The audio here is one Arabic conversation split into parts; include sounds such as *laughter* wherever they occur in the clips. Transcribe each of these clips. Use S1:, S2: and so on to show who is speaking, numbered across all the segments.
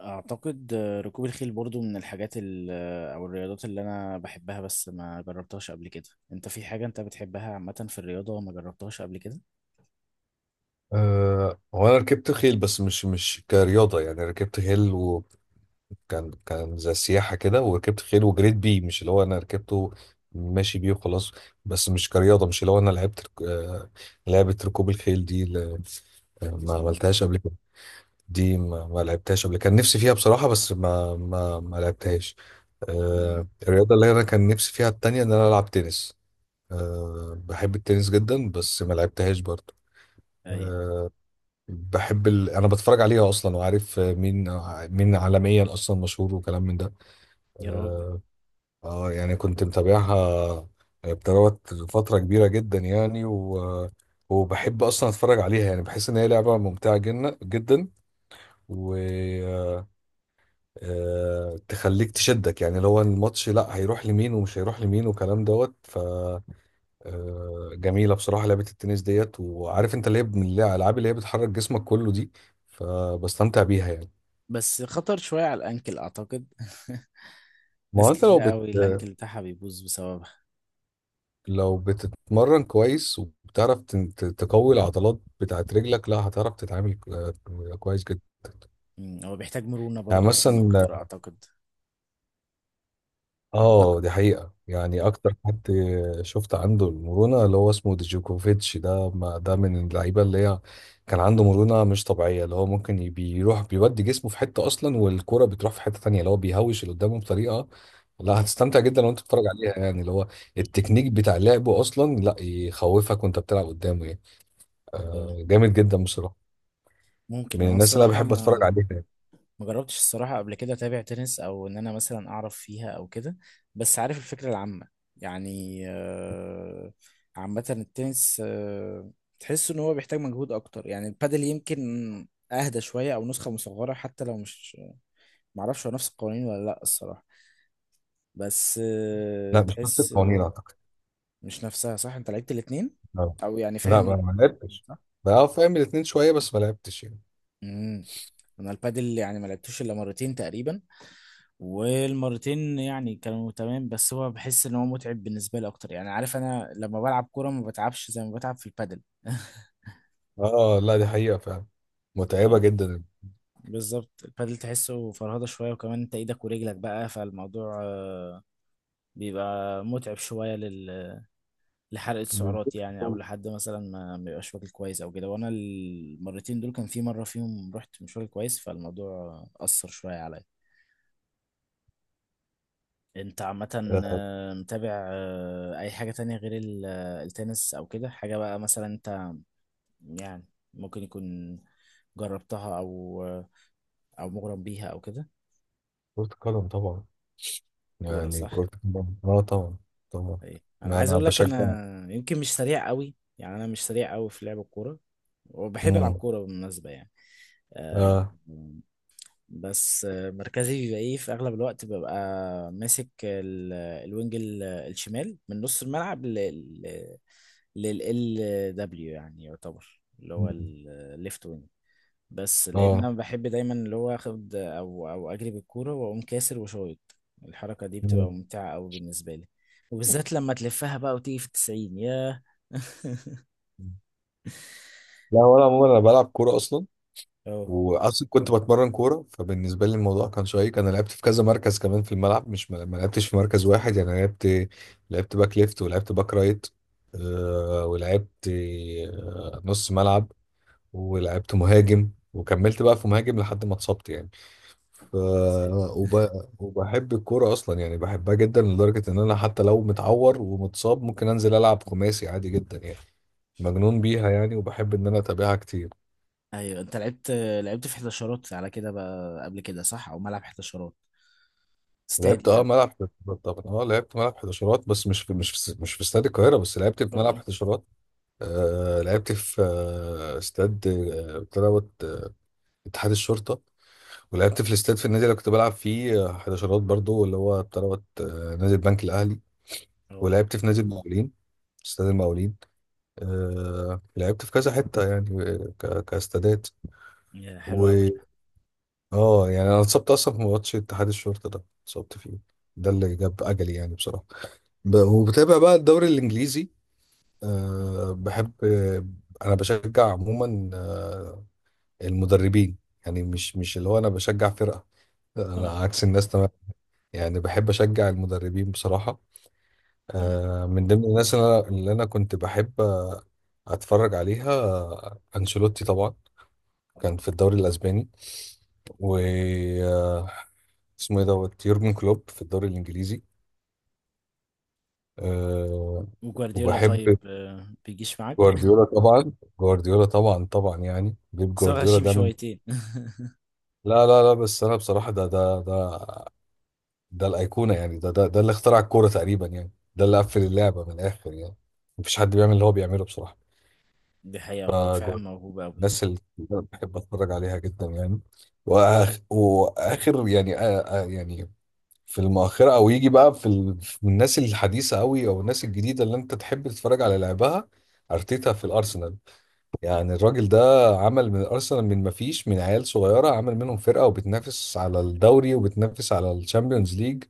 S1: اعتقد ركوب الخيل برضو من الحاجات او الرياضات اللي انا بحبها بس ما جربتهاش قبل كده. انت في حاجة انت بتحبها عامة في الرياضة ما جربتهاش قبل كده؟
S2: هو انا ركبت خيل، بس مش كرياضه يعني، ركبت خيل وكان زي سياحه كده، وركبت خيل وجريت بيه، مش اللي هو انا ركبته ماشي بيه وخلاص. بس مش كرياضه، مش اللي هو انا لعبت لعبه ركوب الخيل دي ما
S1: اه.
S2: عملتهاش قبل كده. دي ما لعبتهاش قبل، كان نفسي فيها بصراحه، بس ما لعبتهاش.
S1: امم.
S2: الرياضه اللي انا كان نفسي فيها التانية ان انا العب تنس. بحب التنس جدا، بس ما لعبتهاش برضه.
S1: اي.
S2: آه، بحب انا بتفرج عليها اصلا، وعارف مين عالميا اصلا مشهور وكلام من ده.
S1: يا راجل.
S2: اه يعني كنت متابعها بتروت فترة كبيرة جدا يعني، وبحب اصلا اتفرج عليها، يعني بحس ان هي لعبة ممتعة جدا جدا. و آه، تخليك تشدك، يعني لو الماتش لا هيروح لمين ومش هيروح لمين وكلام دوت. ف آه، جميلة بصراحة لعبة التنس ديت، وعارف انت اللي هي من الالعاب اللي هي بتحرك جسمك كله دي، فبستمتع بيها يعني.
S1: بس خطر شوية على الانكل اعتقد. *laughs*
S2: ما هو
S1: ناس
S2: انت
S1: كتير
S2: لو
S1: مظبوط
S2: بت...
S1: قوي، الانكل بتاعها بيبوظ بسببها.
S2: لو بتتمرن كويس، وبتعرف تقوي العضلات بتاعت رجلك، لا هتعرف تتعامل كويس جدا.
S1: مم، هو بيحتاج مرونة
S2: يعني
S1: برضو كمان
S2: مثلا،
S1: اكتر اعتقد. اه اعتقد.
S2: اه دي حقيقة يعني، اكتر حد شفت عنده المرونة اللي هو اسمه ديجوكوفيتش ده، ما ده من اللعيبة اللي هي كان عنده مرونة مش طبيعية، اللي هو ممكن بيروح بيودي جسمه في حتة اصلا، والكرة بتروح في حتة تانية، اللي هو بيهوش اللي قدامه بطريقة لا،
S1: اه.
S2: هتستمتع جدا وانت بتتفرج عليها يعني، اللي هو التكنيك بتاع لعبه اصلا لا يخوفك وانت بتلعب قدامه يعني.
S1: اه.
S2: جامد جدا بصراحه.
S1: ممكن انا
S2: من
S1: يعني
S2: الناس اللي
S1: الصراحة،
S2: انا
S1: بصراحة
S2: بحب اتفرج
S1: ما
S2: عليها يعني.
S1: ما جربتش الصراحة قبل كده أتابع تنس، أو إن أنا مثلا أعرف فيها أو كده. بس عارف الفكرة العامة يعني. عامة التنس، تحس إن هو بيحتاج مجهود أكتر، يعني البادل يمكن أهدى شوية أو نسخة مصغرة، حتى لو مش معرفش هو نفس القوانين ولا لأ الصراحة. بس
S2: لا، مش شفت
S1: تحس
S2: القوانين اعتقد.
S1: مش نفسها، صح؟ أنت لعبت الاتنين،
S2: لا،
S1: أو يعني
S2: لا،
S1: فاهم
S2: ما
S1: الاتنين
S2: لعبتش.
S1: صح؟
S2: بقى فاهم الاتنين شويه، بس ما لعبتش يعني.
S1: مم. أنا البادل يعني ما لعبتوش إلا مرتين تقريبا. والمرتين يعني كانوا تمام، بس هو بحس ان هو متعب بالنسبه لي اكتر، يعني عارف انا لما بلعب كوره ما بتعبش زي ما بتعب في البادل. *laughs*
S2: اه، لا، دي حقيقه فعلا. متعبه
S1: ف-
S2: جدا.
S1: بالظبط، البادل تحسه فرهضه شويه، وكمان انت ايدك ورجلك بقى، فالموضوع بيبقى متعب شويه لحرقه السعرات، يعني او لحد مثلا ما يبقاش واكل كويس او كده. وانا المرتين دول كان في مره فيهم رحت مش واكل كويس، فالموضوع اثر شويه عليا. انت عامة
S2: آه،
S1: متابع اي حاجة تانية غير التنس او كده، حاجة بقى مثلا انت يعني ممكن يكون جربتها او مغرم بيها او كده؟
S2: كرة القدم طبعا.
S1: كورة،
S2: يعني
S1: صح.
S2: كرة القدم طبعا، طبعا.
S1: ايه، انا
S2: ما
S1: عايز
S2: انا
S1: اقول لك،
S2: بشجع.
S1: انا يمكن مش سريع قوي، يعني انا مش سريع قوي في لعب الكورة. وبحب العب
S2: امم.
S1: كورة بالمناسبة يعني. آه،
S2: اه.
S1: بس مركزي بيبقى ايه؟ في اغلب الوقت ببقى ماسك الوينج الشمال من نص الملعب لل دبليو، يعني يعتبر اللي هو
S2: مم.
S1: الليفت وينج. بس لان
S2: اه.
S1: انا بحب دايما اللي هو اخد او اجري بالكوره واقوم كاسر وشايط. الحركه دي
S2: مم.
S1: بتبقى ممتعه قوي بالنسبه لي. وبالذات لما تلفها بقى وتيجي في 90، ياه. *laughs*
S2: لا، ولا عموما انا بلعب كورة اصلا،
S1: اه.
S2: واصلا كنت بتمرن كوره، فبالنسبه لي الموضوع كان شيق، انا لعبت في كذا مركز كمان في الملعب، مش ما لعبتش في مركز واحد يعني، أنا لعبت باك ليفت، ولعبت باك رايت. ولعبت نص ملعب، ولعبت مهاجم، وكملت بقى في مهاجم لحد ما اتصبت يعني. ف وب... وبحب الكوره اصلا يعني، بحبها جدا لدرجه ان انا حتى لو متعور ومتصاب ممكن انزل العب خماسي عادي جدا يعني، مجنون بيها يعني، وبحب ان انا اتابعها كتير.
S1: ايوه، انت لعبت في 11 على كده بقى قبل كده، صح؟ او ملعب 11 استادي
S2: لعبت
S1: يعني.
S2: ملعب حداشرات طبعا، اه لعبت ملعب حداشرات، بس مش في استاد القاهره، بس لعبت في ملعب
S1: اه.
S2: حداشرات. لعبت في استاد بتاع دوت، اتحاد الشرطه. ولعبت في الاستاد، في النادي اللي كنت بلعب فيه حداشرات برضو، اللي هو بتاع دوت، نادي البنك الاهلي.
S1: اه.
S2: ولعبت في نادي المقاولين، استاد المقاولين. لعبت في كذا حته يعني، كاستادات.
S1: يا حلو
S2: و
S1: قوي.
S2: اه يعني انا اتصبت اصلا في ماتش اتحاد الشرطه ده، اتصبت فيه. ده اللي جاب اجلي يعني بصراحه. وبتابع بقى الدوري الانجليزي. بحب انا بشجع عموما المدربين. يعني مش اللي هو انا بشجع فرقه. لا، انا
S1: اه.
S2: عكس الناس تمام. يعني بحب اشجع المدربين بصراحه.
S1: أمم.
S2: من ضمن الناس اللي أنا كنت بحب اتفرج عليها، انشيلوتي طبعا. كان في الدوري الاسباني. و آه، اسمه ايه دوت، يورجن كلوب في الدوري الانجليزي. أه
S1: وجوارديولا
S2: وبحب
S1: طيب، بيجيش معاك؟
S2: جوارديولا طبعا، جوارديولا طبعا طبعا، يعني بيب
S1: *laughs* بس هو
S2: جوارديولا
S1: غشيم
S2: ده من.
S1: شويتين. *laughs*
S2: لا، لا، لا، بس انا بصراحه، ده الايقونه يعني، ده اللي اخترع الكوره تقريبا يعني، ده اللي قفل اللعبه من الاخر يعني. مفيش حد بيعمل اللي هو بيعمله بصراحه.
S1: دي حقيقة، هو فعلا
S2: فجوارديولا،
S1: موهوب
S2: الناس اللي أنا بحب اتفرج عليها جدا يعني. وآخ واخر يعني يعني، في المؤخره، او يجي بقى في الناس الحديثه قوي، او الناس الجديده اللي انت تحب تتفرج على لعبها. ارتيتا في الارسنال، يعني الراجل ده عمل من ارسنال، من ما فيش، من عيال صغيره عمل منهم فرقه، وبتنافس على الدوري وبتنافس على الشامبيونز ليج.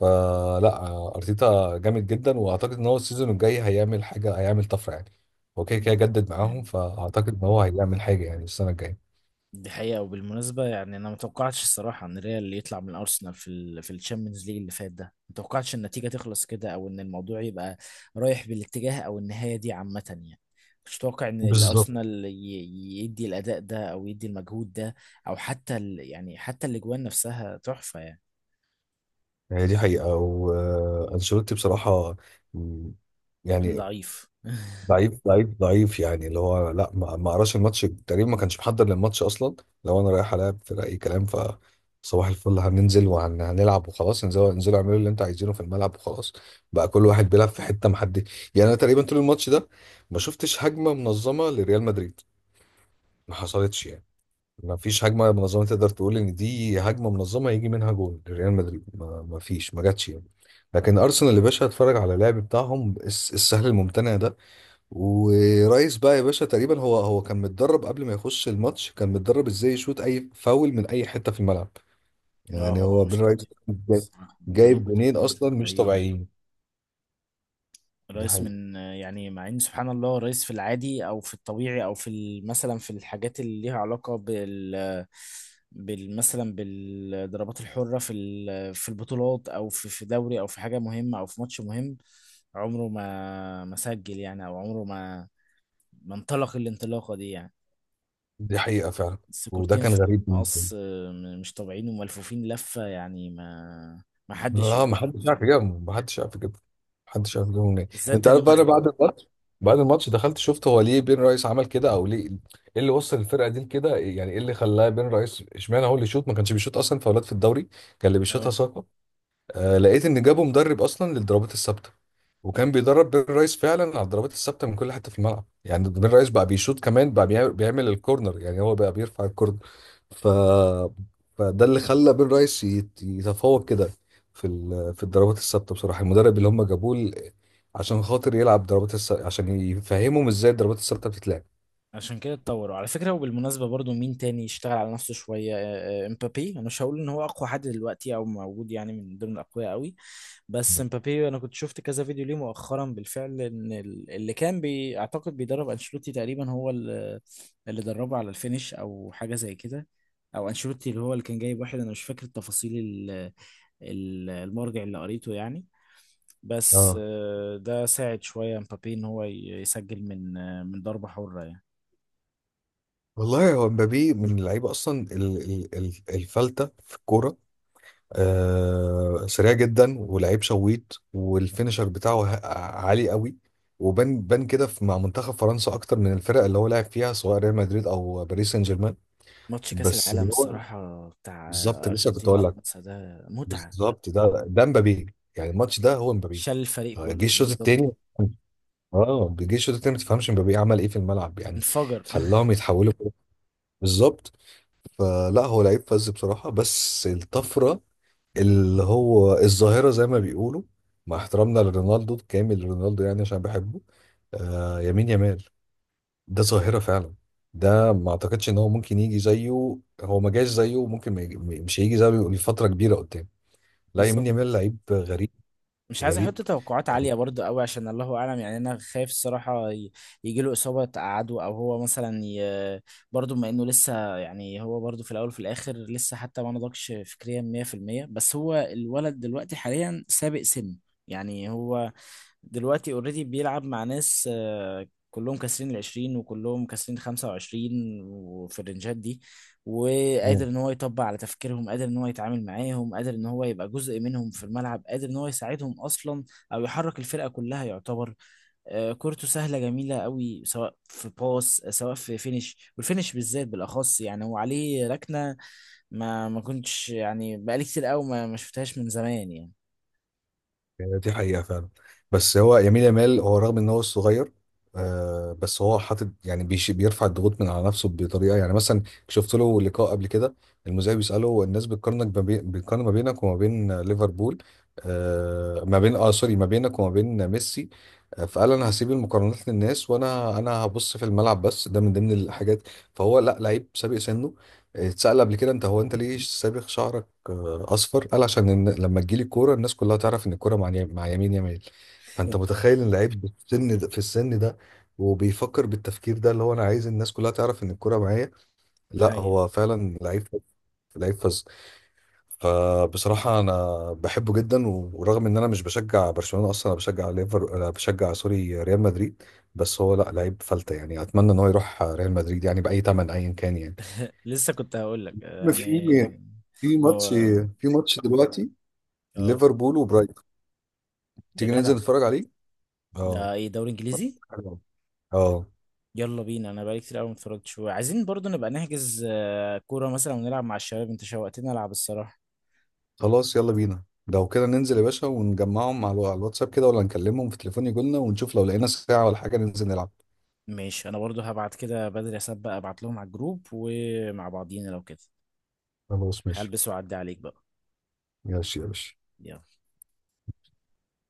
S2: فلا ارتيتا جامد جدا، واعتقد ان هو السيزون الجاي هيعمل حاجه، هيعمل طفره يعني. هو كده كده جدد معاهم،
S1: قوي.
S2: فاعتقد ان هو هيعمل حاجه يعني السنه الجايه.
S1: دي حقيقة. وبالمناسبة يعني أنا متوقعتش الصراحة إن ريال يطلع من أرسنال في في الشامبيونز ليج اللي فات ده، متوقعتش النتيجة تخلص كده أو إن الموضوع يبقى رايح بالاتجاه أو النهاية دي عامة يعني. مش متوقع إن
S2: بالظبط.
S1: الأرسنال يدي الأداء ده أو يدي المجهود ده. أو حتى يعني حتى الأجوان نفسها تحفة يعني.
S2: هي دي حقيقة، وأنشيلوتي بصراحة مم،
S1: كان
S2: يعني
S1: ضعيف. *laughs*
S2: ضعيف ضعيف ضعيف، يعني اللي هو لا، ما قراش الماتش تقريبا، ما كانش محضر للماتش اصلا. لو انا رايح العب فرقه اي كلام، صباح الفل، هننزل وهنلعب وخلاص، انزلوا انزلوا اعملوا اللي انتوا عايزينه في الملعب وخلاص. بقى كل واحد بيلعب في حته محدد يعني، انا تقريبا طول الماتش ده ما شفتش هجمه منظمه لريال مدريد، ما حصلتش يعني، ما فيش هجمه منظمه تقدر تقول ان دي هجمه منظمه يجي منها جول لريال مدريد، ما فيش ما جاتش يعني. لكن ارسنال يا باشا، اتفرج على اللعب بتاعهم السهل الممتنع ده. ورئيس بقى يا باشا، تقريبا هو كان متدرب قبل ما يخش الماتش، كان متدرب ازاي يشوط اي فاول من اي حته في الملعب.
S1: اه،
S2: يعني
S1: هو
S2: هو بن
S1: مش
S2: رئيس
S1: طبيعي الصراحة. الجولين
S2: جايب
S1: بتوع
S2: جونين
S1: دول مش
S2: اصلا مش
S1: طبيعيين.
S2: طبيعيين. دي
S1: الرئيس
S2: حقيقه،
S1: من، يعني مع ان سبحان الله الرئيس في العادي او في الطبيعي او في مثلا في الحاجات اللي ليها علاقه بال مثلا بالضربات الحره في في البطولات او في دوري او في حاجه مهمه او في ماتش مهم. عمره ما سجل يعني، او عمره ما انطلق الانطلاقه دي يعني.
S2: دي حقيقه فعلا. وده
S1: السكورتين
S2: كان
S1: في
S2: غريب بالنسبه لي.
S1: المقص مش طبيعيين وملفوفين لفه، يعني ما حدش
S2: لا، ما
S1: يجيبهم
S2: حدش عارف
S1: يعني.
S2: يجيبهم، ما حدش عارف يجيبهم، ما حدش عارف
S1: بالذات،
S2: يجيبهم منين.
S1: بالذات
S2: انت
S1: تاني
S2: عارف بقى، انا
S1: واحده.
S2: بعد الماتش، بعد الماتش دخلت شفت هو ليه بن رئيس عمل كده، او ليه ايه اللي وصل الفرقه دي لكده، يعني ايه اللي خلاه بن رئيس اشمعنى هو اللي يشوط، ما كانش بيشوط اصلا فاولات في الدوري، كان اللي بيشوطها
S1: اه.
S2: ساكا. لقيت ان جابوا مدرب اصلا للضربات الثابته، وكان بيدرب بين رايس فعلا على الضربات الثابته من كل حته في الملعب، يعني بين رايس بقى بيشوط، كمان بقى بيعمل الكورنر، يعني هو بقى بيرفع الكورنر. ف فده اللي خلى بين رايس يتفوق كده في في الضربات الثابته بصراحه، المدرب اللي هم جابوه عشان خاطر يلعب ضربات عشان يفهمهم ازاي الضربات الثابته بتتلعب.
S1: عشان كده اتطوروا على فكرة. وبالمناسبة برضو، مين تاني يشتغل على نفسه شوية؟ امبابي. انا مش هقول ان هو اقوى حد دلوقتي او موجود، يعني من ضمن الاقوياء قوي. بس امبابي، انا كنت شفت كذا فيديو ليه مؤخرا بالفعل، ان اللي كان اعتقد بيدرب انشيلوتي تقريبا هو اللي دربه على الفينش او حاجة زي كده. او انشيلوتي، اللي هو اللي كان جايب واحد، انا مش فاكر التفاصيل المرجع اللي قريته يعني. بس
S2: اه،
S1: ده ساعد شوية امبابي ان هو يسجل من ضربة حرة يعني.
S2: والله هو مبابي من اللعيبه اصلا الفلته في الكوره. آه سريع جدا، ولعيب شويط، والفينشر بتاعه عالي قوي. وبان بان كده مع منتخب فرنسا اكتر من الفرق اللي هو لعب فيها، سواء ريال مدريد او باريس سان جيرمان.
S1: ماتش كأس
S2: بس
S1: العالم
S2: هو
S1: الصراحة بتاع
S2: بالظبط لسه كنت
S1: أرجنتين
S2: اقول لك،
S1: وفرنسا ده متعة.
S2: بالظبط ده مبابي يعني، الماتش ده هو مبابي.
S1: شال الفريق
S2: جه
S1: كله
S2: الشوط
S1: بالظبط.
S2: التاني، اه جه الشوط التاني، ما تفهمش مبابي عمل ايه في الملعب يعني،
S1: انفجر. *laughs*
S2: خلاهم يتحولوا. بالظبط، فلا هو لعيب فذ بصراحة، بس الطفرة اللي هو الظاهرة زي ما بيقولوا، مع احترامنا لرونالدو كامل رونالدو يعني عشان بحبه، آه يمين يامال ده ظاهرة فعلا، ده ما اعتقدش ان هو ممكن يجي زيه، هو ما جاش زيه وممكن ما يجي، مش هيجي زيه لفترة كبيرة قدام. لا،
S1: بالظبط.
S2: يمين يامال لعيب غريب،
S1: مش عايز احط
S2: غريب
S1: توقعات عالية برضه قوي، عشان الله اعلم، يعني انا خايف الصراحة يجي له إصابة تقعده، او هو مثلا برضه بما انه لسه، يعني هو برضه في الاول وفي الاخر لسه حتى ما نضجش فكريا 100%، بس هو الولد دلوقتي حاليا سابق سن. يعني هو دلوقتي اوريدي بيلعب مع ناس، كلهم كاسرين 20، وكلهم كاسرين 25، وفي الرنجات دي. وقادر ان هو يطبق على تفكيرهم، قادر ان هو يتعامل معاهم، قادر ان هو يبقى جزء منهم في الملعب، قادر ان هو يساعدهم اصلا او يحرك الفرقة كلها يعتبر. كورته سهلة جميلة قوي، سواء في باس سواء في فينش، والفينش بالذات بالاخص، يعني هو عليه ركنة. ما كنتش يعني بقالي كتير قوي ما شفتهاش من زمان يعني.
S2: يعني. دي حقيقة فعلا. بس هو يمين يامال هو رغم ان هو صغير، آه بس هو حاطط يعني بيرفع الضغوط من على نفسه بطريقة، يعني مثلا شفت له لقاء قبل كده، المذيع بيسأله الناس بتقارنك ما بين- بتقارن ما بينك وما بين ليفربول، آه ما بين، اه سوري، ما بينك وما بين ميسي. فقال انا هسيب المقارنات للناس، وانا هبص في الملعب بس، ده من ضمن الحاجات. فهو لا لعيب سابق سنه. اتسأل قبل كده، انت هو انت ليه سابق شعرك اصفر، قال عشان إن لما تجيلي الكوره الناس كلها تعرف ان الكوره مع مع يمين يمال. فانت متخيل ان لعيب بالسن ده، في السن ده، وبيفكر بالتفكير ده اللي هو انا عايز الناس كلها تعرف ان الكوره معايا. لا
S1: هي.
S2: هو فعلا لعيب، لعيب فظ. فبصراحة أنا بحبه جدا، ورغم إن أنا مش بشجع برشلونة أصلا، أنا بشجع ليفر، أنا بشجع سوري، ريال مدريد. بس هو لا لعيب فلتة يعني، أتمنى إن هو يروح ريال مدريد يعني بأي تمن أيا كان يعني.
S1: *laughs* لسه كنت هقول لك
S2: في
S1: يعني.
S2: في ماتش
S1: هو.
S2: في ماتش دلوقتي
S1: اه.
S2: ليفربول وبرايتون،
S1: يا
S2: تيجي ننزل
S1: جدع،
S2: نتفرج عليه. اه.
S1: ده ايه؟ دوري انجليزي.
S2: حلو. اه.
S1: يلا بينا، انا بقالي كتير قوي ما اتفرجتش، وعايزين برضو نبقى نحجز كوره مثلا ونلعب مع الشباب، انت شوقتني العب الصراحه.
S2: خلاص يلا بينا لو كده، ننزل يا باشا ونجمعهم على على الواتساب كده، ولا نكلمهم في تليفون يجولنا، ونشوف لو لقينا ساعة ولا حاجة ننزل نلعب.
S1: ماشي، انا برضو هبعت كده بدري اسبق ابعت لهم على الجروب ومع بعضينا لو كده.
S2: خلاص ماشي.
S1: هلبس واعدي عليك بقى.
S2: ماشي يا باشا.
S1: يلا.